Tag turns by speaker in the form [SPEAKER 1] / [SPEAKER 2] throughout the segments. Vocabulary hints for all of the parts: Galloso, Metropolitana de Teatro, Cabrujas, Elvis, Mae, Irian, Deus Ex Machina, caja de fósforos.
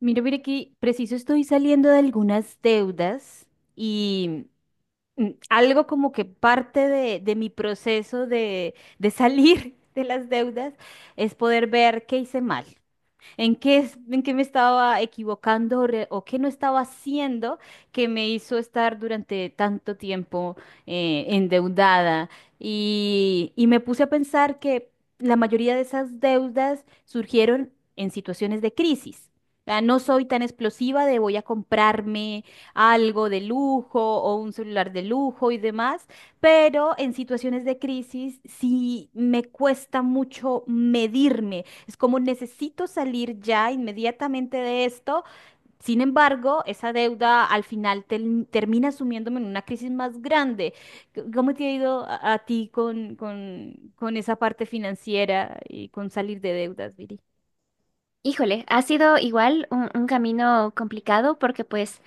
[SPEAKER 1] Mira, mira que preciso estoy saliendo de algunas deudas y algo como que parte de mi proceso de salir de las deudas es poder ver qué hice mal. ¿En qué, en qué me estaba equivocando o, o qué no estaba haciendo que me hizo estar durante tanto tiempo endeudada? Y me puse a pensar que la mayoría de esas deudas surgieron en situaciones de crisis. O sea, no soy tan explosiva de voy a comprarme algo de lujo o un celular de lujo y demás, pero en situaciones de crisis sí me cuesta mucho medirme, es como necesito salir ya inmediatamente de esto. Sin embargo, esa deuda al final termina sumiéndome en una crisis más grande. ¿Cómo te ha ido a ti con esa parte financiera y con salir de deudas, Viri?
[SPEAKER 2] Híjole, ha sido igual un camino complicado porque pues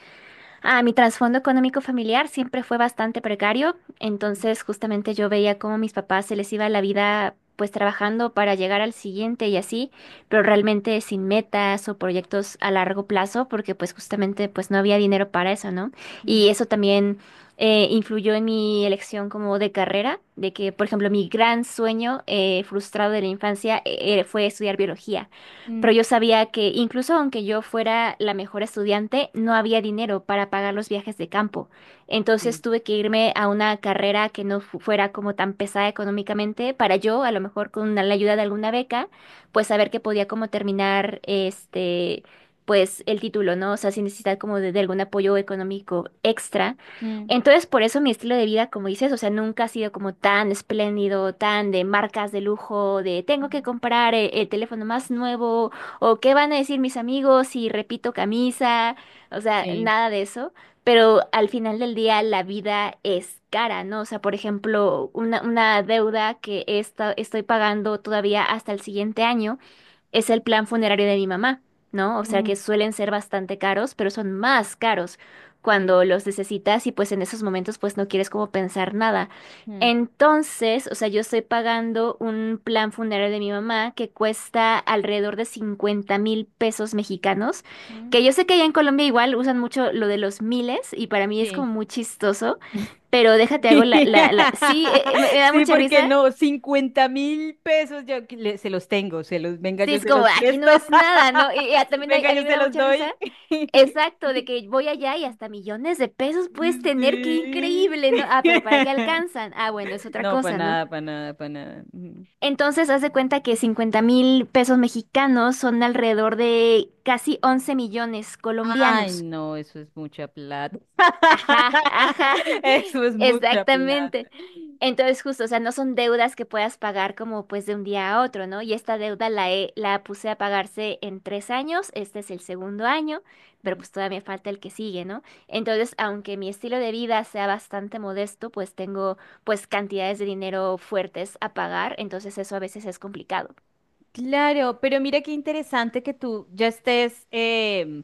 [SPEAKER 2] ah, mi trasfondo económico familiar siempre fue bastante precario, entonces justamente yo veía cómo a mis papás se les iba la vida pues trabajando para llegar al siguiente y así, pero realmente sin metas o proyectos a largo plazo porque pues justamente pues no había dinero para eso, ¿no?
[SPEAKER 1] Mm.
[SPEAKER 2] Y eso también influyó en mi elección como de carrera, de que por ejemplo mi gran sueño frustrado de la infancia fue estudiar biología,
[SPEAKER 1] Mm.
[SPEAKER 2] pero yo sabía que incluso aunque yo fuera la mejor estudiante, no había dinero para pagar los viajes de campo. Entonces
[SPEAKER 1] Sí.
[SPEAKER 2] tuve que irme a una carrera que no fu- fuera como tan pesada económicamente para yo, a lo mejor con la ayuda de alguna beca, pues saber que podía como terminar este, pues el título, ¿no? O sea, sin necesidad como de algún apoyo económico extra.
[SPEAKER 1] Mm.
[SPEAKER 2] Entonces, por eso mi estilo de vida, como dices, o sea, nunca ha sido como tan espléndido, tan de marcas de lujo, de tengo que comprar el teléfono más nuevo o qué van a decir mis amigos si repito camisa, o sea,
[SPEAKER 1] Sí.
[SPEAKER 2] nada de eso. Pero al final del día la vida es cara, ¿no? O sea, por ejemplo, una deuda que estoy pagando todavía hasta el siguiente año es el plan funerario de mi mamá, ¿no? O
[SPEAKER 1] Sí.
[SPEAKER 2] sea
[SPEAKER 1] Mm.
[SPEAKER 2] que suelen ser bastante caros, pero son más caros
[SPEAKER 1] Sí.
[SPEAKER 2] cuando los necesitas y pues en esos momentos pues no quieres como pensar nada.
[SPEAKER 1] Mm.
[SPEAKER 2] Entonces, o sea, yo estoy pagando un plan funerario de mi mamá que cuesta alrededor de 50,000 pesos mexicanos,
[SPEAKER 1] Mm.
[SPEAKER 2] que yo sé que allá en Colombia igual usan mucho lo de los miles y para mí es
[SPEAKER 1] Sí.
[SPEAKER 2] como muy chistoso. Pero déjate,
[SPEAKER 1] Bla,
[SPEAKER 2] hago
[SPEAKER 1] bla, bla,
[SPEAKER 2] Sí,
[SPEAKER 1] bla.
[SPEAKER 2] me da
[SPEAKER 1] Sí,
[SPEAKER 2] mucha
[SPEAKER 1] porque
[SPEAKER 2] risa.
[SPEAKER 1] no, 50.000 pesos yo que se los tengo, se los, venga,
[SPEAKER 2] Sí,
[SPEAKER 1] yo
[SPEAKER 2] es
[SPEAKER 1] se los
[SPEAKER 2] como, aquí no
[SPEAKER 1] presto,
[SPEAKER 2] es nada, ¿no? Y, y a- también hay-
[SPEAKER 1] venga,
[SPEAKER 2] a
[SPEAKER 1] yo
[SPEAKER 2] mí me
[SPEAKER 1] se
[SPEAKER 2] da
[SPEAKER 1] los
[SPEAKER 2] mucha risa.
[SPEAKER 1] doy.
[SPEAKER 2] Exacto, de que voy allá y hasta millones de pesos puedes tener, qué
[SPEAKER 1] Sí.
[SPEAKER 2] increíble, ¿no? Ah, pero ¿para qué alcanzan? Ah, bueno, es otra
[SPEAKER 1] No, para
[SPEAKER 2] cosa, ¿no?
[SPEAKER 1] nada, para nada, para nada. Ujú.
[SPEAKER 2] Entonces, haz de cuenta que 50,000 pesos mexicanos son alrededor de casi 11 millones
[SPEAKER 1] Ay,
[SPEAKER 2] colombianos.
[SPEAKER 1] no, eso es mucha plata.
[SPEAKER 2] Ajá, ajá,
[SPEAKER 1] Eso es mucha plata.
[SPEAKER 2] exactamente. Entonces, justo, o sea, no son deudas que puedas pagar como pues de un día a otro, ¿no? Y esta deuda la puse a pagarse en 3 años, este es el segundo año, pero
[SPEAKER 1] Mm.
[SPEAKER 2] pues todavía falta el que sigue, ¿no? Entonces, aunque mi estilo de vida sea bastante modesto, pues tengo pues cantidades de dinero fuertes a pagar, entonces eso a veces es complicado.
[SPEAKER 1] Claro, pero mira qué interesante que tú ya estés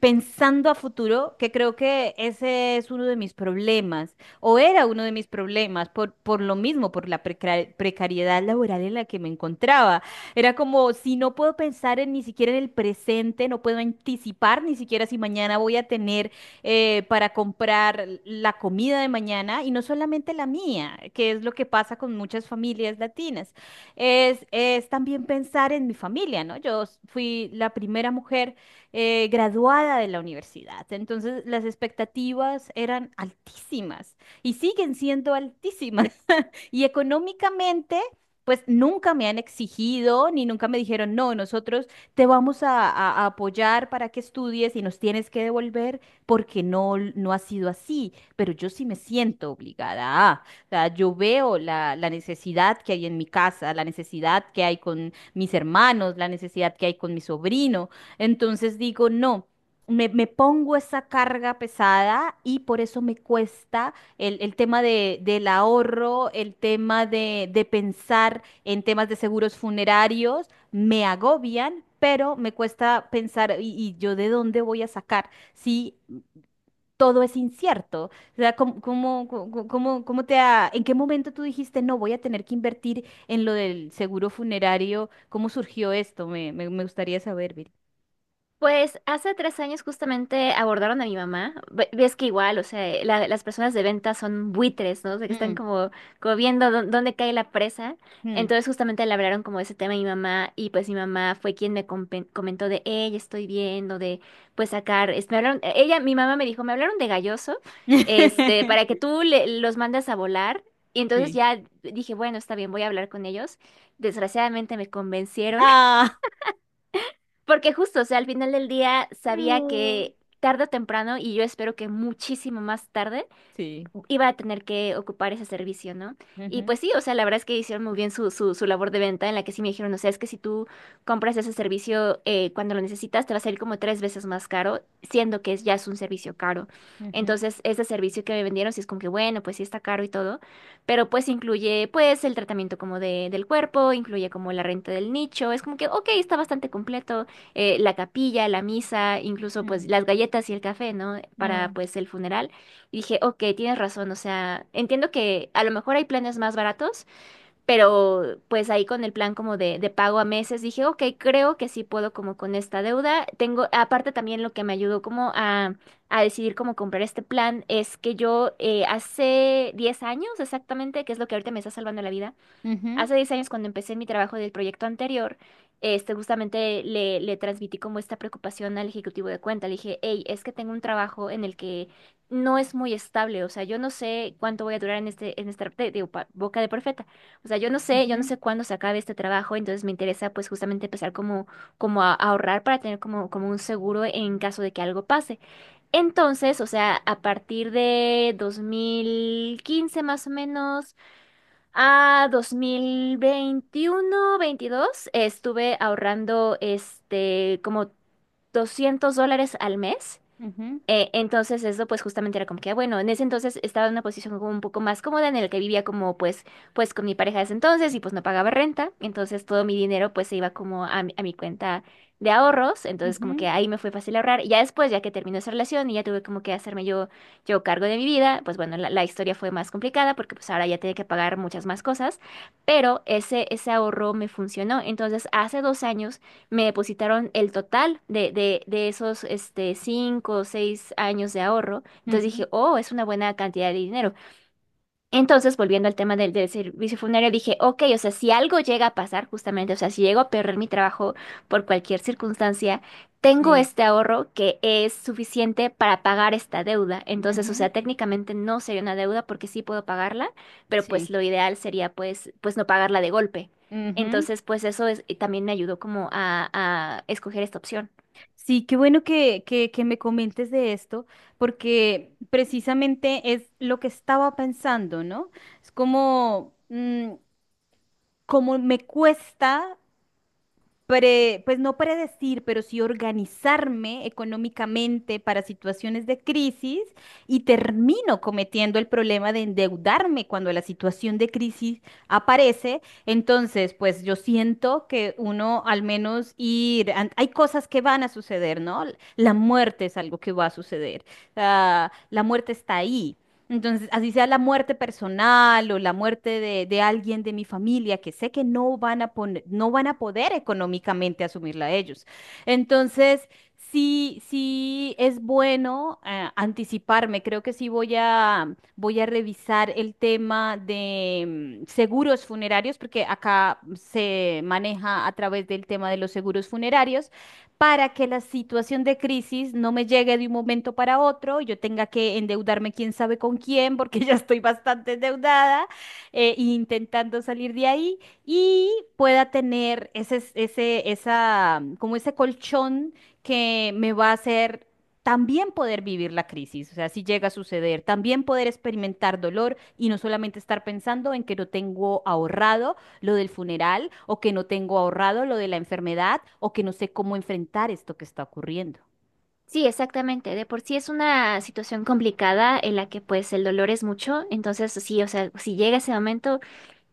[SPEAKER 1] pensando a futuro, que creo que ese es uno de mis problemas, o era uno de mis problemas, por lo mismo, por la precariedad laboral en la que me encontraba. Era como si no puedo pensar en, ni siquiera en el presente, no puedo anticipar ni siquiera si mañana voy a tener para comprar la comida de mañana, y no solamente la mía, que es lo que pasa con muchas familias latinas, es también pensar en mi familia, ¿no? Fui la primera mujer graduada de la universidad, entonces las expectativas eran altísimas y siguen siendo altísimas. Y económicamente, pues nunca me han exigido ni nunca me dijeron, no, nosotros te vamos a, a apoyar para que estudies y nos tienes que devolver porque no, no ha sido así. Pero yo sí me siento obligada. A. O sea, yo veo la, la necesidad que hay en mi casa, la necesidad que hay con mis hermanos, la necesidad que hay con mi sobrino. Entonces digo, no. Me pongo esa carga pesada y por eso me cuesta el tema de, del ahorro, el tema de pensar en temas de seguros funerarios, me agobian, pero me cuesta pensar, y yo de dónde voy a sacar si todo es incierto? O sea, cómo te en qué momento tú dijiste, no, voy a tener que invertir en lo del seguro funerario? ¿Cómo surgió esto? Me gustaría saber, Viri.
[SPEAKER 2] Pues hace 3 años justamente abordaron a mi mamá. Ves que igual, o sea, las personas de venta son buitres, ¿no? O sea, que están
[SPEAKER 1] Mm.
[SPEAKER 2] como, como viendo dónde cae la presa.
[SPEAKER 1] Mm.
[SPEAKER 2] Entonces justamente le hablaron como de ese tema a mi mamá y pues mi mamá fue quien me comentó de, ella estoy viendo, de pues sacar, me hablaron, ella, mi mamá me dijo, me hablaron de Galloso, este, para que tú los mandes a volar. Y entonces
[SPEAKER 1] Sí.
[SPEAKER 2] ya dije, bueno, está bien, voy a hablar con ellos. Desgraciadamente me convencieron.
[SPEAKER 1] Ah.
[SPEAKER 2] Porque justo, o sea, al final del día sabía
[SPEAKER 1] No.
[SPEAKER 2] que tarde o temprano, y yo espero que muchísimo más tarde,
[SPEAKER 1] Sí.
[SPEAKER 2] iba a tener que ocupar ese servicio, ¿no? Y
[SPEAKER 1] Ujú.
[SPEAKER 2] pues sí, o sea, la verdad es que hicieron muy bien su labor de venta en la que sí me dijeron, o sea, es que si tú compras ese servicio cuando lo necesitas, te va a salir como 3 veces más caro, siendo que es, ya es un servicio caro.
[SPEAKER 1] Ujú.
[SPEAKER 2] Entonces, ese servicio que me vendieron, sí es como que, bueno, pues sí está caro y todo, pero pues incluye pues el tratamiento como del cuerpo, incluye como la renta del nicho, es como que, ok, está bastante completo, la capilla, la misa, incluso
[SPEAKER 1] Ujú.
[SPEAKER 2] pues las galletas y el café, ¿no? Para
[SPEAKER 1] No.
[SPEAKER 2] pues el funeral. Y dije, ok, tienes razón, o sea, entiendo que a lo mejor hay planes más baratos, pero pues ahí con el plan como de pago a meses, dije, ok, creo que sí puedo como con esta deuda. Tengo, aparte también lo que me ayudó como a decidir cómo comprar este plan es que yo hace 10 años exactamente, que es lo que ahorita me está salvando la vida.
[SPEAKER 1] Ujú.
[SPEAKER 2] Hace 10 años, cuando empecé mi trabajo del proyecto anterior, este, justamente le transmití como esta preocupación al ejecutivo de cuenta. Le dije, hey, es que tengo un trabajo en el que no es muy estable. O sea, yo no sé cuánto voy a durar en este, en esta, digo, boca de profeta. O sea, yo no
[SPEAKER 1] Ujú.
[SPEAKER 2] sé cuándo se acabe este trabajo. Entonces me interesa, pues, justamente empezar como a ahorrar para tener como un seguro en caso de que algo pase. Entonces, o sea, a partir de 2015 más o menos. A 2021, 22, estuve ahorrando este como $200 al mes,
[SPEAKER 1] Ujú.
[SPEAKER 2] entonces eso pues justamente era como que, ah, bueno, en ese entonces estaba en una posición como un poco más cómoda en el que vivía como pues con mi pareja de ese entonces y pues no pagaba renta, entonces todo mi dinero pues se iba como a mi cuenta de ahorros, entonces como que
[SPEAKER 1] Ujú.
[SPEAKER 2] ahí me fue fácil ahorrar y ya después, ya que terminó esa relación y ya tuve como que hacerme yo cargo de mi vida, pues bueno, la historia fue más complicada porque pues ahora ya tenía que pagar muchas más cosas, pero ese ahorro me funcionó, entonces hace 2 años me depositaron el total de esos este, 5 o 6 años de ahorro. Entonces
[SPEAKER 1] Ujú.
[SPEAKER 2] dije, oh, es una buena cantidad de dinero. Entonces, volviendo al tema del servicio funerario, dije, ok, o sea, si algo llega a pasar, justamente, o sea, si llego a perder mi trabajo por cualquier circunstancia, tengo
[SPEAKER 1] Sí.
[SPEAKER 2] este ahorro que es suficiente para pagar esta deuda. Entonces, o
[SPEAKER 1] Ujú.
[SPEAKER 2] sea, técnicamente no sería una deuda porque sí puedo pagarla, pero pues
[SPEAKER 1] Sí.
[SPEAKER 2] lo ideal sería pues no pagarla de golpe.
[SPEAKER 1] Ujú.
[SPEAKER 2] Entonces, pues eso es, también me ayudó como a escoger esta opción.
[SPEAKER 1] Sí, qué bueno que me comentes de esto, porque precisamente es lo que estaba pensando, ¿no? Es como, mm, como me cuesta, pues no predecir, pero sí organizarme económicamente para situaciones de crisis y termino cometiendo el problema de endeudarme cuando la situación de crisis aparece. Entonces, pues yo siento que uno al menos ir, hay cosas que van a suceder, ¿no? La muerte es algo que va a suceder. Ah, la muerte está ahí. Entonces, así sea la muerte personal o la muerte de alguien de mi familia, que sé que no van a poner, no van a poder económicamente asumirla ellos. Entonces, sí es bueno anticiparme. Creo que sí voy a, voy a revisar el tema de seguros funerarios, porque acá se maneja a través del tema de los seguros funerarios para que la situación de crisis no me llegue de un momento para otro, yo tenga que endeudarme quién sabe con quién, porque ya estoy bastante endeudada, intentando salir de ahí y pueda tener como ese colchón que me va a hacer también poder vivir la crisis, o sea, si llega a suceder, también poder experimentar dolor y no solamente estar pensando en que no tengo ahorrado lo del funeral o que no tengo ahorrado lo de la enfermedad o que no sé cómo enfrentar esto que está ocurriendo.
[SPEAKER 2] Sí, exactamente. De por sí es una situación complicada en la que pues el dolor es mucho. Entonces, sí, o sea, si llega ese momento,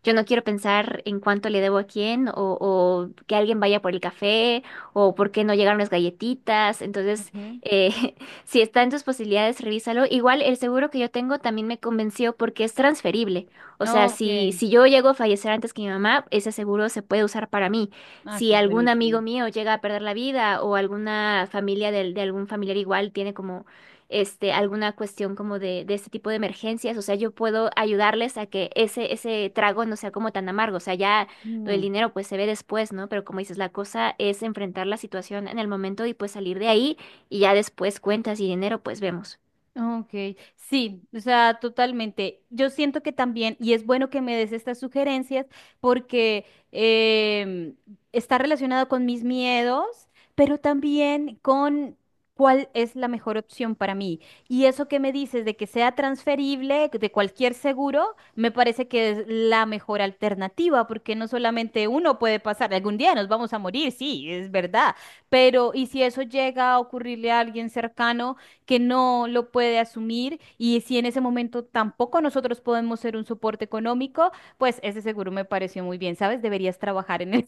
[SPEAKER 2] yo no quiero pensar en cuánto le debo a quién o que alguien vaya por el café o por qué no llegaron las galletitas. Entonces,
[SPEAKER 1] Ujú.
[SPEAKER 2] eh, si está en tus posibilidades, revísalo. Igual el seguro que yo tengo también me convenció porque es transferible. O sea,
[SPEAKER 1] Ok.
[SPEAKER 2] si yo llego a fallecer antes que mi mamá, ese seguro se puede usar para mí.
[SPEAKER 1] Ah,
[SPEAKER 2] Si
[SPEAKER 1] eso es
[SPEAKER 2] algún amigo
[SPEAKER 1] buenísimo.
[SPEAKER 2] mío llega a perder la vida o alguna familia de, algún familiar igual tiene como este, alguna cuestión como de este tipo de emergencias. O sea, yo puedo ayudarles a que ese trago no sea como tan amargo. O sea, ya lo del
[SPEAKER 1] Mm.
[SPEAKER 2] dinero pues se ve después, ¿no? Pero como dices, la cosa es enfrentar la situación en el momento y pues salir de ahí y ya después cuentas y dinero pues vemos.
[SPEAKER 1] Ok, sí, o sea, totalmente. Yo siento que también, y es bueno que me des estas sugerencias porque em, está relacionado con mis miedos, pero también con cuál es la mejor opción para mí. Y eso que me dices de que sea transferible de cualquier seguro, me parece que es la mejor alternativa porque no solamente uno puede pasar, algún día nos vamos a morir, sí, es verdad, pero ¿y si eso llega a ocurrirle a alguien cercano que no lo puede asumir y si en ese momento tampoco nosotros podemos ser un soporte económico? Pues ese seguro me pareció muy bien, ¿sabes? Deberías trabajar en él.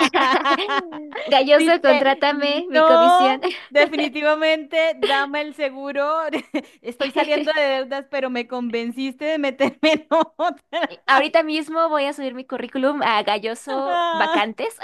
[SPEAKER 1] Si
[SPEAKER 2] Galloso,
[SPEAKER 1] te-
[SPEAKER 2] contrátame, mi comisión.
[SPEAKER 1] No, definitivamente, dame el seguro. Estoy saliendo de deudas, pero me convenciste de meterme en otra.
[SPEAKER 2] Ahorita mismo voy a subir mi currículum a Galloso Vacantes.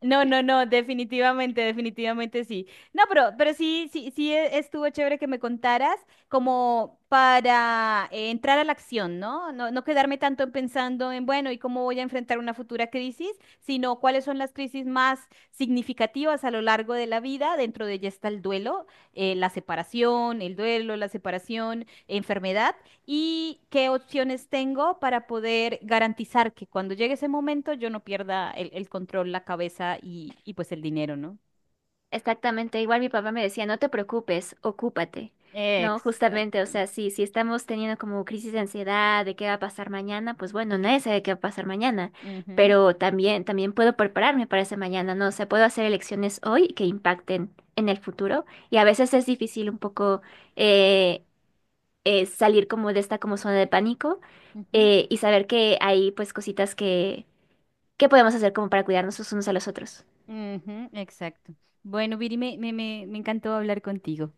[SPEAKER 1] No, no, no, definitivamente, definitivamente sí. No, pero sí estuvo chévere que me contaras como para entrar a la acción, ¿no? No, no quedarme tanto en pensando en, bueno, ¿y cómo voy a enfrentar una futura crisis? Sino cuáles son las crisis más significativas a lo largo de la vida. Dentro de ella está el duelo, la separación, el duelo, la separación, enfermedad. ¿Y qué opciones tengo para poder garantizar que cuando llegue ese momento yo no pierda el control, la cabeza y pues el dinero, ¿no?
[SPEAKER 2] Exactamente, igual mi papá me decía, no te preocupes, ocúpate, ¿no? Justamente, o
[SPEAKER 1] Exacto.
[SPEAKER 2] sea, sí, si estamos teniendo como crisis de ansiedad de qué va a pasar mañana, pues bueno, nadie sabe qué va a pasar mañana,
[SPEAKER 1] Ujú,
[SPEAKER 2] pero también, también puedo prepararme para ese mañana, ¿no? O sea, puedo hacer elecciones hoy que impacten en el futuro y a veces es difícil un poco eh, salir como de esta como zona de pánico,
[SPEAKER 1] ujú,
[SPEAKER 2] y saber que hay pues cositas que podemos hacer como para cuidarnos los unos a los otros.
[SPEAKER 1] exacto. Bueno, Viri, me encantó hablar contigo.